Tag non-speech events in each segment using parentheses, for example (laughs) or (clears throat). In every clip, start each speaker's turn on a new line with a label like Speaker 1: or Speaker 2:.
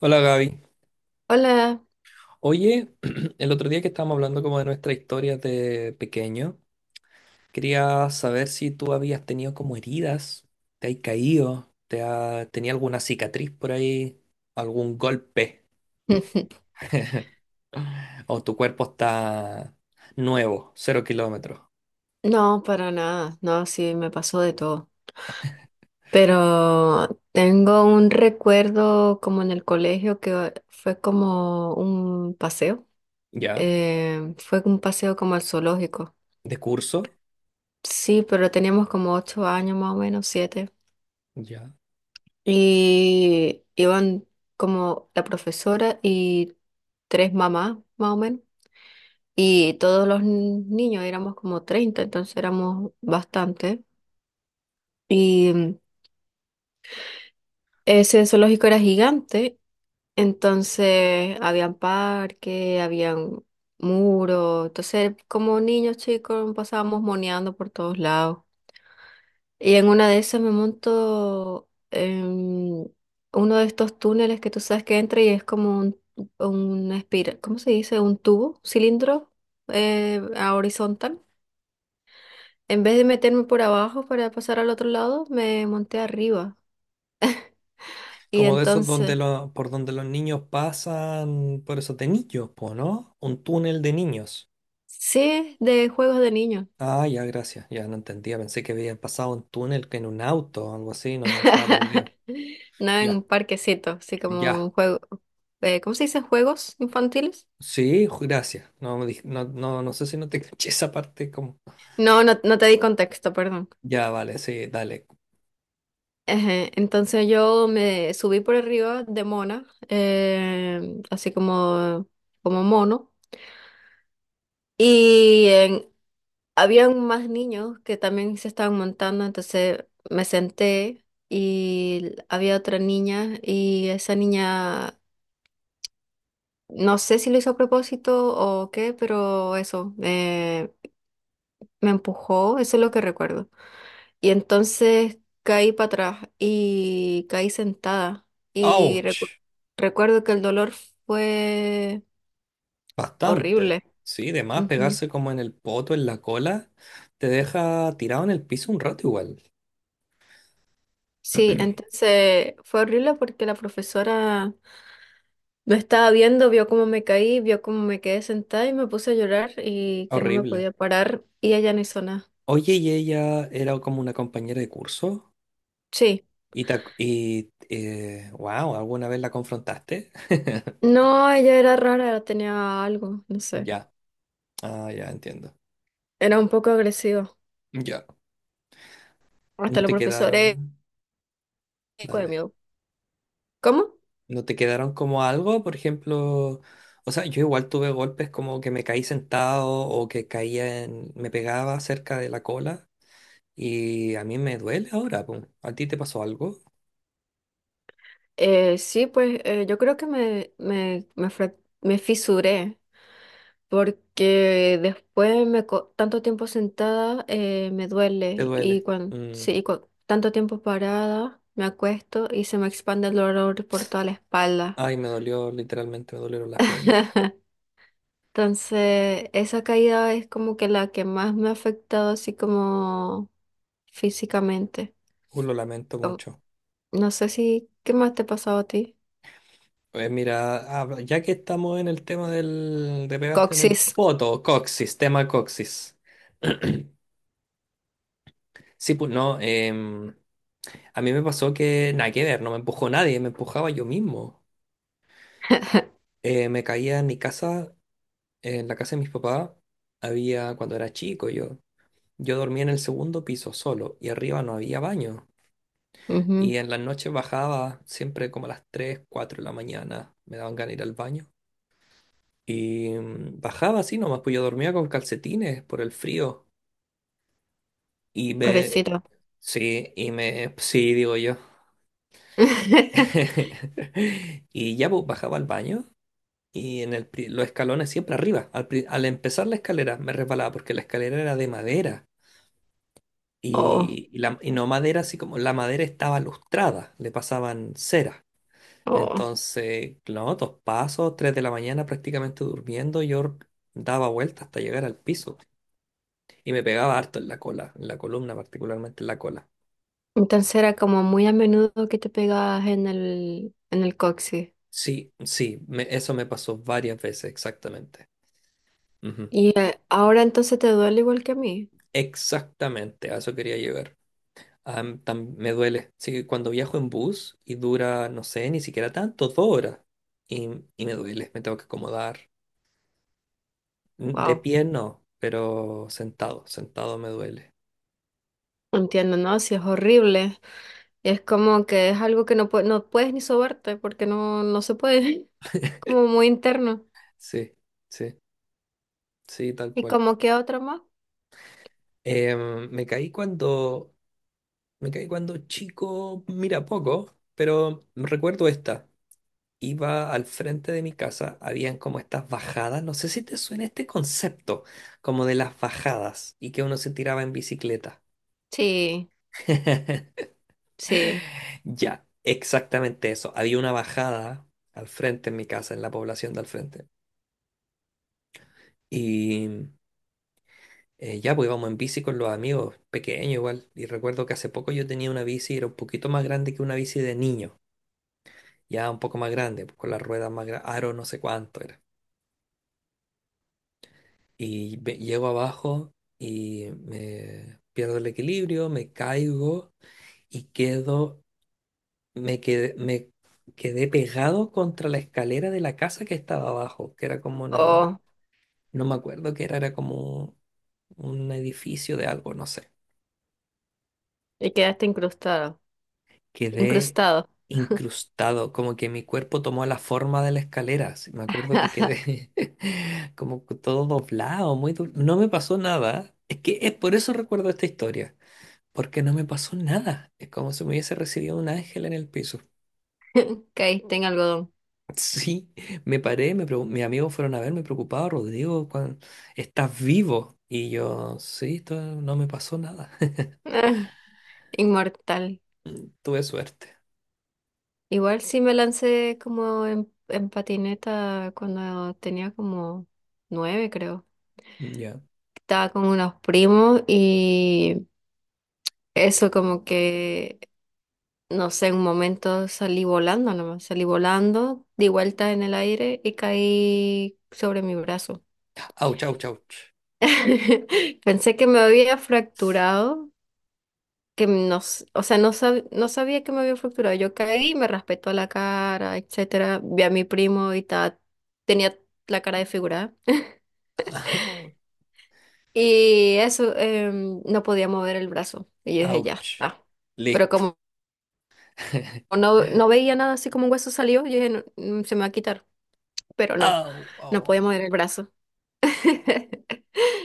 Speaker 1: Hola Gaby.
Speaker 2: Hola.
Speaker 1: Oye, (clears throat) el otro día que estábamos hablando como de nuestra historia de pequeño, quería saber si tú habías tenido como heridas, te has caído, te ha, tenía alguna cicatriz por ahí, algún golpe,
Speaker 2: (laughs)
Speaker 1: o tu cuerpo está nuevo, cero kilómetros.
Speaker 2: No, para nada. No, sí, me pasó de todo. Pero tengo un recuerdo como en el colegio que fue como un paseo.
Speaker 1: ¿Ya?
Speaker 2: Fue un paseo como al zoológico.
Speaker 1: De curso.
Speaker 2: Sí, pero teníamos como 8 años más o menos, siete.
Speaker 1: ¿Ya?
Speaker 2: Y iban como la profesora y tres mamás más o menos. Y todos los niños éramos como 30, entonces éramos bastante. y Ese zoológico era gigante, entonces habían parque, habían muros, entonces como niños chicos pasábamos moneando por todos lados. Y en una de esas me monto en uno de estos túneles que tú sabes que entra y es como un, una espira, ¿cómo se dice? Un tubo, cilindro a horizontal. En vez de meterme por abajo para pasar al otro lado, me monté arriba. Y
Speaker 1: Como de esos donde
Speaker 2: entonces,
Speaker 1: lo, por donde los niños pasan, por esos de niños, po, ¿no? Un túnel de niños.
Speaker 2: sí, de juegos de niños.
Speaker 1: Ah, ya, gracias. Ya no entendía. Pensé que había pasado un túnel que en un auto o algo así. No, estaba perdido.
Speaker 2: (laughs) No en un
Speaker 1: Ya,
Speaker 2: parquecito, así como
Speaker 1: ya.
Speaker 2: un juego. ¿Cómo se dicen? ¿Juegos infantiles?
Speaker 1: Sí, gracias. No, no, no sé si no te (laughs) caché esa parte como.
Speaker 2: No, no, no te di contexto, perdón.
Speaker 1: Ya, vale, sí, dale.
Speaker 2: Ejé. Entonces yo me subí por arriba de mona, así como, como mono, y en- habían más niños que también se estaban montando, entonces me senté y había otra niña y esa niña, no sé si lo hizo a propósito o qué, pero eso, me empujó, eso es lo que recuerdo. Y entonces caí para atrás y caí sentada. Y
Speaker 1: ¡Auch!
Speaker 2: recu- Recuerdo que el dolor fue
Speaker 1: Bastante.
Speaker 2: horrible.
Speaker 1: Sí, de más
Speaker 2: Ujú.
Speaker 1: pegarse como en el poto, en la cola, te deja tirado en el piso un rato igual.
Speaker 2: Sí,
Speaker 1: (clears throat)
Speaker 2: entonces fue horrible porque la profesora me estaba viendo, vio cómo me caí, vio cómo me quedé sentada y me puse a llorar y que no me
Speaker 1: Horrible.
Speaker 2: podía parar y ella no hizo nada.
Speaker 1: Oye,
Speaker 2: Sí.
Speaker 1: ¿y ella era como una compañera de curso
Speaker 2: Sí.
Speaker 1: y, y wow, alguna vez la confrontaste? (laughs)
Speaker 2: No, ella era rara, tenía algo, no sé.
Speaker 1: Ya. Ah, ya entiendo.
Speaker 2: Era un poco agresiva.
Speaker 1: Ya.
Speaker 2: Hasta
Speaker 1: No
Speaker 2: los
Speaker 1: te
Speaker 2: profesores,
Speaker 1: quedaron, dale.
Speaker 2: ¿cómo?
Speaker 1: No te quedaron como algo, por ejemplo, o sea, yo igual tuve golpes como que me caí sentado o que caía en, me pegaba cerca de la cola y a mí me duele ahora, po. ¿A ti te pasó algo?
Speaker 2: Sí, pues yo creo que me fisuré porque tanto tiempo sentada me
Speaker 1: ¿Te
Speaker 2: duele y
Speaker 1: duele?
Speaker 2: cuando
Speaker 1: Mm.
Speaker 2: sí, y cua- tanto tiempo parada me acuesto y se me expande el dolor por toda la espalda.
Speaker 1: Ay, me dolió, literalmente me dolieron las piernas.
Speaker 2: (laughs) Entonces, esa caída es como que la que más me ha afectado así como físicamente.
Speaker 1: Lo lamento
Speaker 2: Como...
Speaker 1: mucho.
Speaker 2: No sé si, ¿qué más te ha pasado a ti?
Speaker 1: Pues mira, ya que estamos en el tema del, de pegarte en el
Speaker 2: Coxis.
Speaker 1: poto, coxis, tema coxis. (clears throat) Sí, pues no. A mí me pasó que nada que ver, no me empujó nadie, me empujaba yo mismo.
Speaker 2: (laughs)
Speaker 1: Me caía en mi casa, en la casa de mis papás, había cuando era chico yo. Yo dormía en el segundo piso solo y arriba no había baño. Y
Speaker 2: Ujú.
Speaker 1: en las noches bajaba siempre como a las 3, 4 de la mañana, me daban ganas de ir al baño. Y bajaba así nomás, pues yo dormía con calcetines por el frío. Y me...
Speaker 2: Pobrecito.
Speaker 1: Sí, y me... Sí, digo yo.
Speaker 2: (laughs)
Speaker 1: (laughs) Y ya pues, bajaba al baño. Y en el, los escalones siempre arriba. Al empezar la escalera me resbalaba porque la escalera era de madera.
Speaker 2: Oh,
Speaker 1: Y no madera, así como la madera estaba lustrada, le pasaban cera.
Speaker 2: oh.
Speaker 1: Entonces, no, dos pasos, tres de la mañana prácticamente durmiendo, yo daba vueltas hasta llegar al piso y me pegaba harto en la cola, en la columna, particularmente en la cola.
Speaker 2: Entonces era como muy a menudo que te pegabas en el coxis.
Speaker 1: Sí, sí, eso me pasó varias veces, exactamente. Ujú.
Speaker 2: Y ahora entonces te duele igual que a mí.
Speaker 1: Exactamente, a eso quería llegar. Ah, me duele. Sí, cuando viajo en bus y dura, no sé, ni siquiera tanto, dos horas. Y, y me duele, me tengo que acomodar. De
Speaker 2: Wow.
Speaker 1: pie no, pero sentado, sentado me duele.
Speaker 2: Entiendo, ¿no? Si es horrible. Es como que es algo que no puedes ni sobarte porque no, no se puede. (laughs) Como muy interno.
Speaker 1: Sí, sí, sí, tal
Speaker 2: ¿Y
Speaker 1: cual.
Speaker 2: como que otro más?
Speaker 1: Me caí cuando, me caí cuando chico, mira poco, pero recuerdo esta. Iba al frente de mi casa, habían como estas bajadas, no sé si te suena este concepto, como de las bajadas y que uno se tiraba en bicicleta.
Speaker 2: Sí,
Speaker 1: (laughs)
Speaker 2: sí.
Speaker 1: Ya, exactamente eso. Había una bajada al frente en mi casa, en la población de al frente. Y ya, pues íbamos en bici con los amigos, pequeño igual. Y recuerdo que hace poco yo tenía una bici, era un poquito más grande que una bici de niño. Ya un poco más grande, pues, con las ruedas más grandes, aro no sé cuánto era. Y llego abajo y me pierdo el equilibrio, me caigo y me quedé pegado contra la escalera de la casa que estaba abajo, que era como una,
Speaker 2: Oh,
Speaker 1: no me acuerdo qué era, era como un edificio de algo, no sé.
Speaker 2: y quedaste incrustado.
Speaker 1: Quedé
Speaker 2: Incrustado.
Speaker 1: incrustado, como que mi cuerpo tomó la forma de la escalera. Así, me acuerdo que quedé (laughs) como que todo doblado, no me pasó nada. Es que es por eso recuerdo esta historia, porque no me pasó nada. Es como si me hubiese recibido un ángel en el piso.
Speaker 2: (laughs) Caíste en algodón.
Speaker 1: Sí, me paré, mis amigos fueron a verme preocupados, Rodrigo, ¿estás vivo? Y yo, sí, esto no me pasó nada. (laughs)
Speaker 2: (laughs) Inmortal.
Speaker 1: Tuve suerte.
Speaker 2: Igual sí me lancé como en patineta cuando tenía como nueve, creo.
Speaker 1: Ya.
Speaker 2: Estaba con unos primos y eso como que, no sé, en un momento salí volando nomás, salí volando, di vuelta en el aire y caí sobre mi brazo.
Speaker 1: Auch, auch, auch.
Speaker 2: (laughs) Pensé que me había fracturado, que nos, o sea, no sabía que me había fracturado. Yo caí, y me raspé toda la cara, etcétera. Vi a mi primo y ta, tenía la cara desfigurada. (laughs)
Speaker 1: Au,
Speaker 2: Y eso, no podía mover el brazo. Y yo dije, ya
Speaker 1: ouch.
Speaker 2: está. Pero
Speaker 1: Listo.
Speaker 2: como
Speaker 1: (laughs)
Speaker 2: no veía nada así como un hueso salió, yo dije, "No, se me va a quitar". Pero no,
Speaker 1: Au, au,
Speaker 2: no podía
Speaker 1: au.
Speaker 2: mover el brazo. (laughs)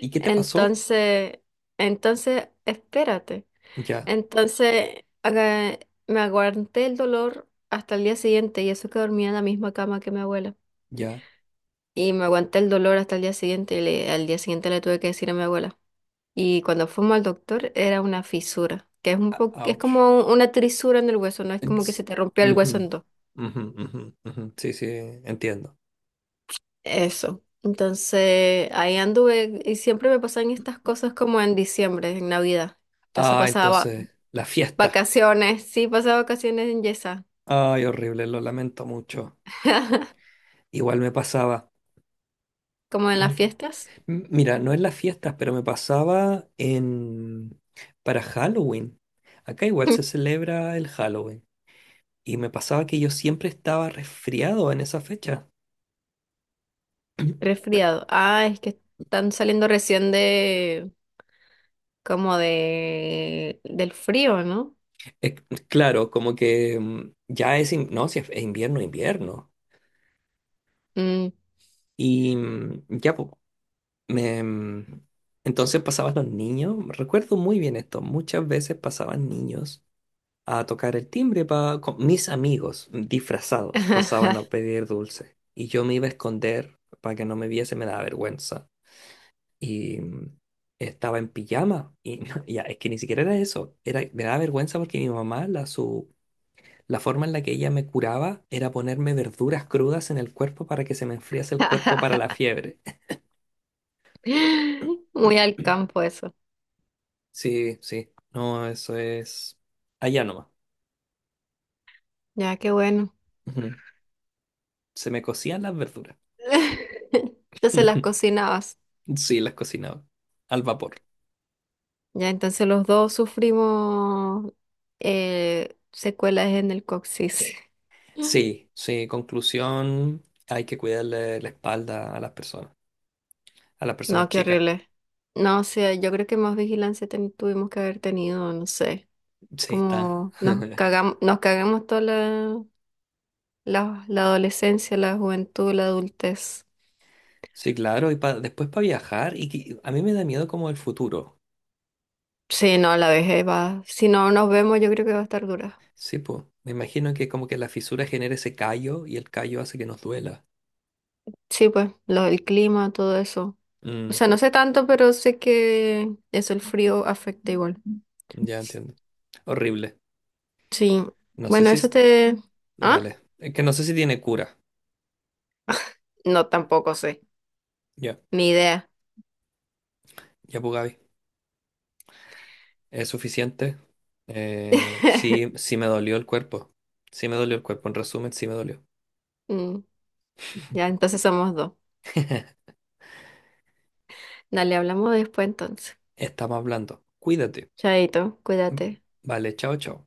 Speaker 1: ¿Y qué te pasó?
Speaker 2: Entonces, entonces, espérate.
Speaker 1: Ya,
Speaker 2: Entonces, aga- me aguanté el dolor hasta el día siguiente y eso que dormía en la misma cama que mi abuela.
Speaker 1: ya.
Speaker 2: Y me aguanté el dolor hasta el día siguiente y al día siguiente le tuve que decir a mi abuela. Y cuando fuimos al doctor era una fisura, que es un poco, es
Speaker 1: Ouch.
Speaker 2: como una trisura en el hueso, no es como que
Speaker 1: Ex-
Speaker 2: se te rompió el hueso
Speaker 1: Ujú,
Speaker 2: en dos.
Speaker 1: ujú, ujú, ujú. Sí, sí, entiendo.
Speaker 2: Eso. Entonces, ahí anduve y siempre me pasan estas cosas como en diciembre, en Navidad. Entonces
Speaker 1: Ah,
Speaker 2: pasaba
Speaker 1: entonces, la fiesta.
Speaker 2: vacaciones, sí, pasaba vacaciones en Yesa,
Speaker 1: Ay, horrible, lo lamento mucho.
Speaker 2: (laughs)
Speaker 1: Igual me pasaba.
Speaker 2: como en las
Speaker 1: (clears throat)
Speaker 2: fiestas.
Speaker 1: Mira, no en las fiestas, pero me pasaba en para Halloween. Acá igual se
Speaker 2: (laughs)
Speaker 1: celebra el Halloween. Y me pasaba que yo siempre estaba resfriado en esa fecha. (clears throat)
Speaker 2: Resfriado. Ah, es que están saliendo recién de, como de, del frío, ¿no?
Speaker 1: Eh, claro, como que ya es, no, si es es invierno, invierno.
Speaker 2: Mm.
Speaker 1: Y ya, po, me, mm, entonces pasaban los niños, recuerdo muy bien esto, muchas veces pasaban niños a tocar el timbre para mis amigos disfrazados, pasaban a pedir dulce y yo me iba a esconder para que no me viese, me daba vergüenza y estaba en pijama y (laughs) no, ya, es que ni siquiera era eso, era, me daba vergüenza porque mi mamá, la, su, la forma en la que ella me curaba era ponerme verduras crudas en el cuerpo para que se me enfriase el cuerpo para la
Speaker 2: (laughs)
Speaker 1: fiebre. (laughs)
Speaker 2: Muy al campo eso.
Speaker 1: Sí, sí, no, eso es allá nomás.
Speaker 2: Ya, qué bueno.
Speaker 1: Ujú. Se me cocían las verduras.
Speaker 2: (laughs) Entonces las
Speaker 1: (laughs)
Speaker 2: cocinabas.
Speaker 1: Sí, las cocinaba al vapor.
Speaker 2: Ya, entonces los dos sufrimos secuelas en el coxis. (laughs)
Speaker 1: Sí, sí, conclusión, hay que cuidarle la espalda a las personas
Speaker 2: No, qué
Speaker 1: chicas.
Speaker 2: horrible. No, o sea, yo creo que más vigilancia tuvimos que haber tenido, no sé.
Speaker 1: Sí, está.
Speaker 2: Como
Speaker 1: (laughs)
Speaker 2: nos cagamos toda la adolescencia, la juventud, la adultez.
Speaker 1: Sí, claro, y después para viajar, a mí me da miedo como el futuro.
Speaker 2: Sí, no, la vejez va. Si no nos vemos, yo creo que va a estar dura.
Speaker 1: Sí, pues, me imagino que como que la fisura genera ese callo y el callo hace que nos duela.
Speaker 2: Sí, pues, lo del clima, todo eso. O
Speaker 1: Mm,
Speaker 2: sea, no sé tanto, pero sé que eso, el frío afecta igual.
Speaker 1: ya entiendo. Horrible.
Speaker 2: Sí.
Speaker 1: No sé
Speaker 2: Bueno,
Speaker 1: si...
Speaker 2: eso te... ¿Ah?
Speaker 1: Dale. Es que no sé si tiene cura.
Speaker 2: No, tampoco sé.
Speaker 1: Ya,
Speaker 2: Ni idea.
Speaker 1: ya pues Gaby. ¿Es suficiente? Sí,
Speaker 2: (laughs)
Speaker 1: sí me dolió el cuerpo. Sí me dolió el cuerpo, en resumen, sí me dolió.
Speaker 2: Mm. Ya, entonces somos dos.
Speaker 1: (laughs)
Speaker 2: Dale, hablamos después entonces.
Speaker 1: Estamos hablando. Cuídate.
Speaker 2: Chaito, cuídate.
Speaker 1: Vale, chao, chao.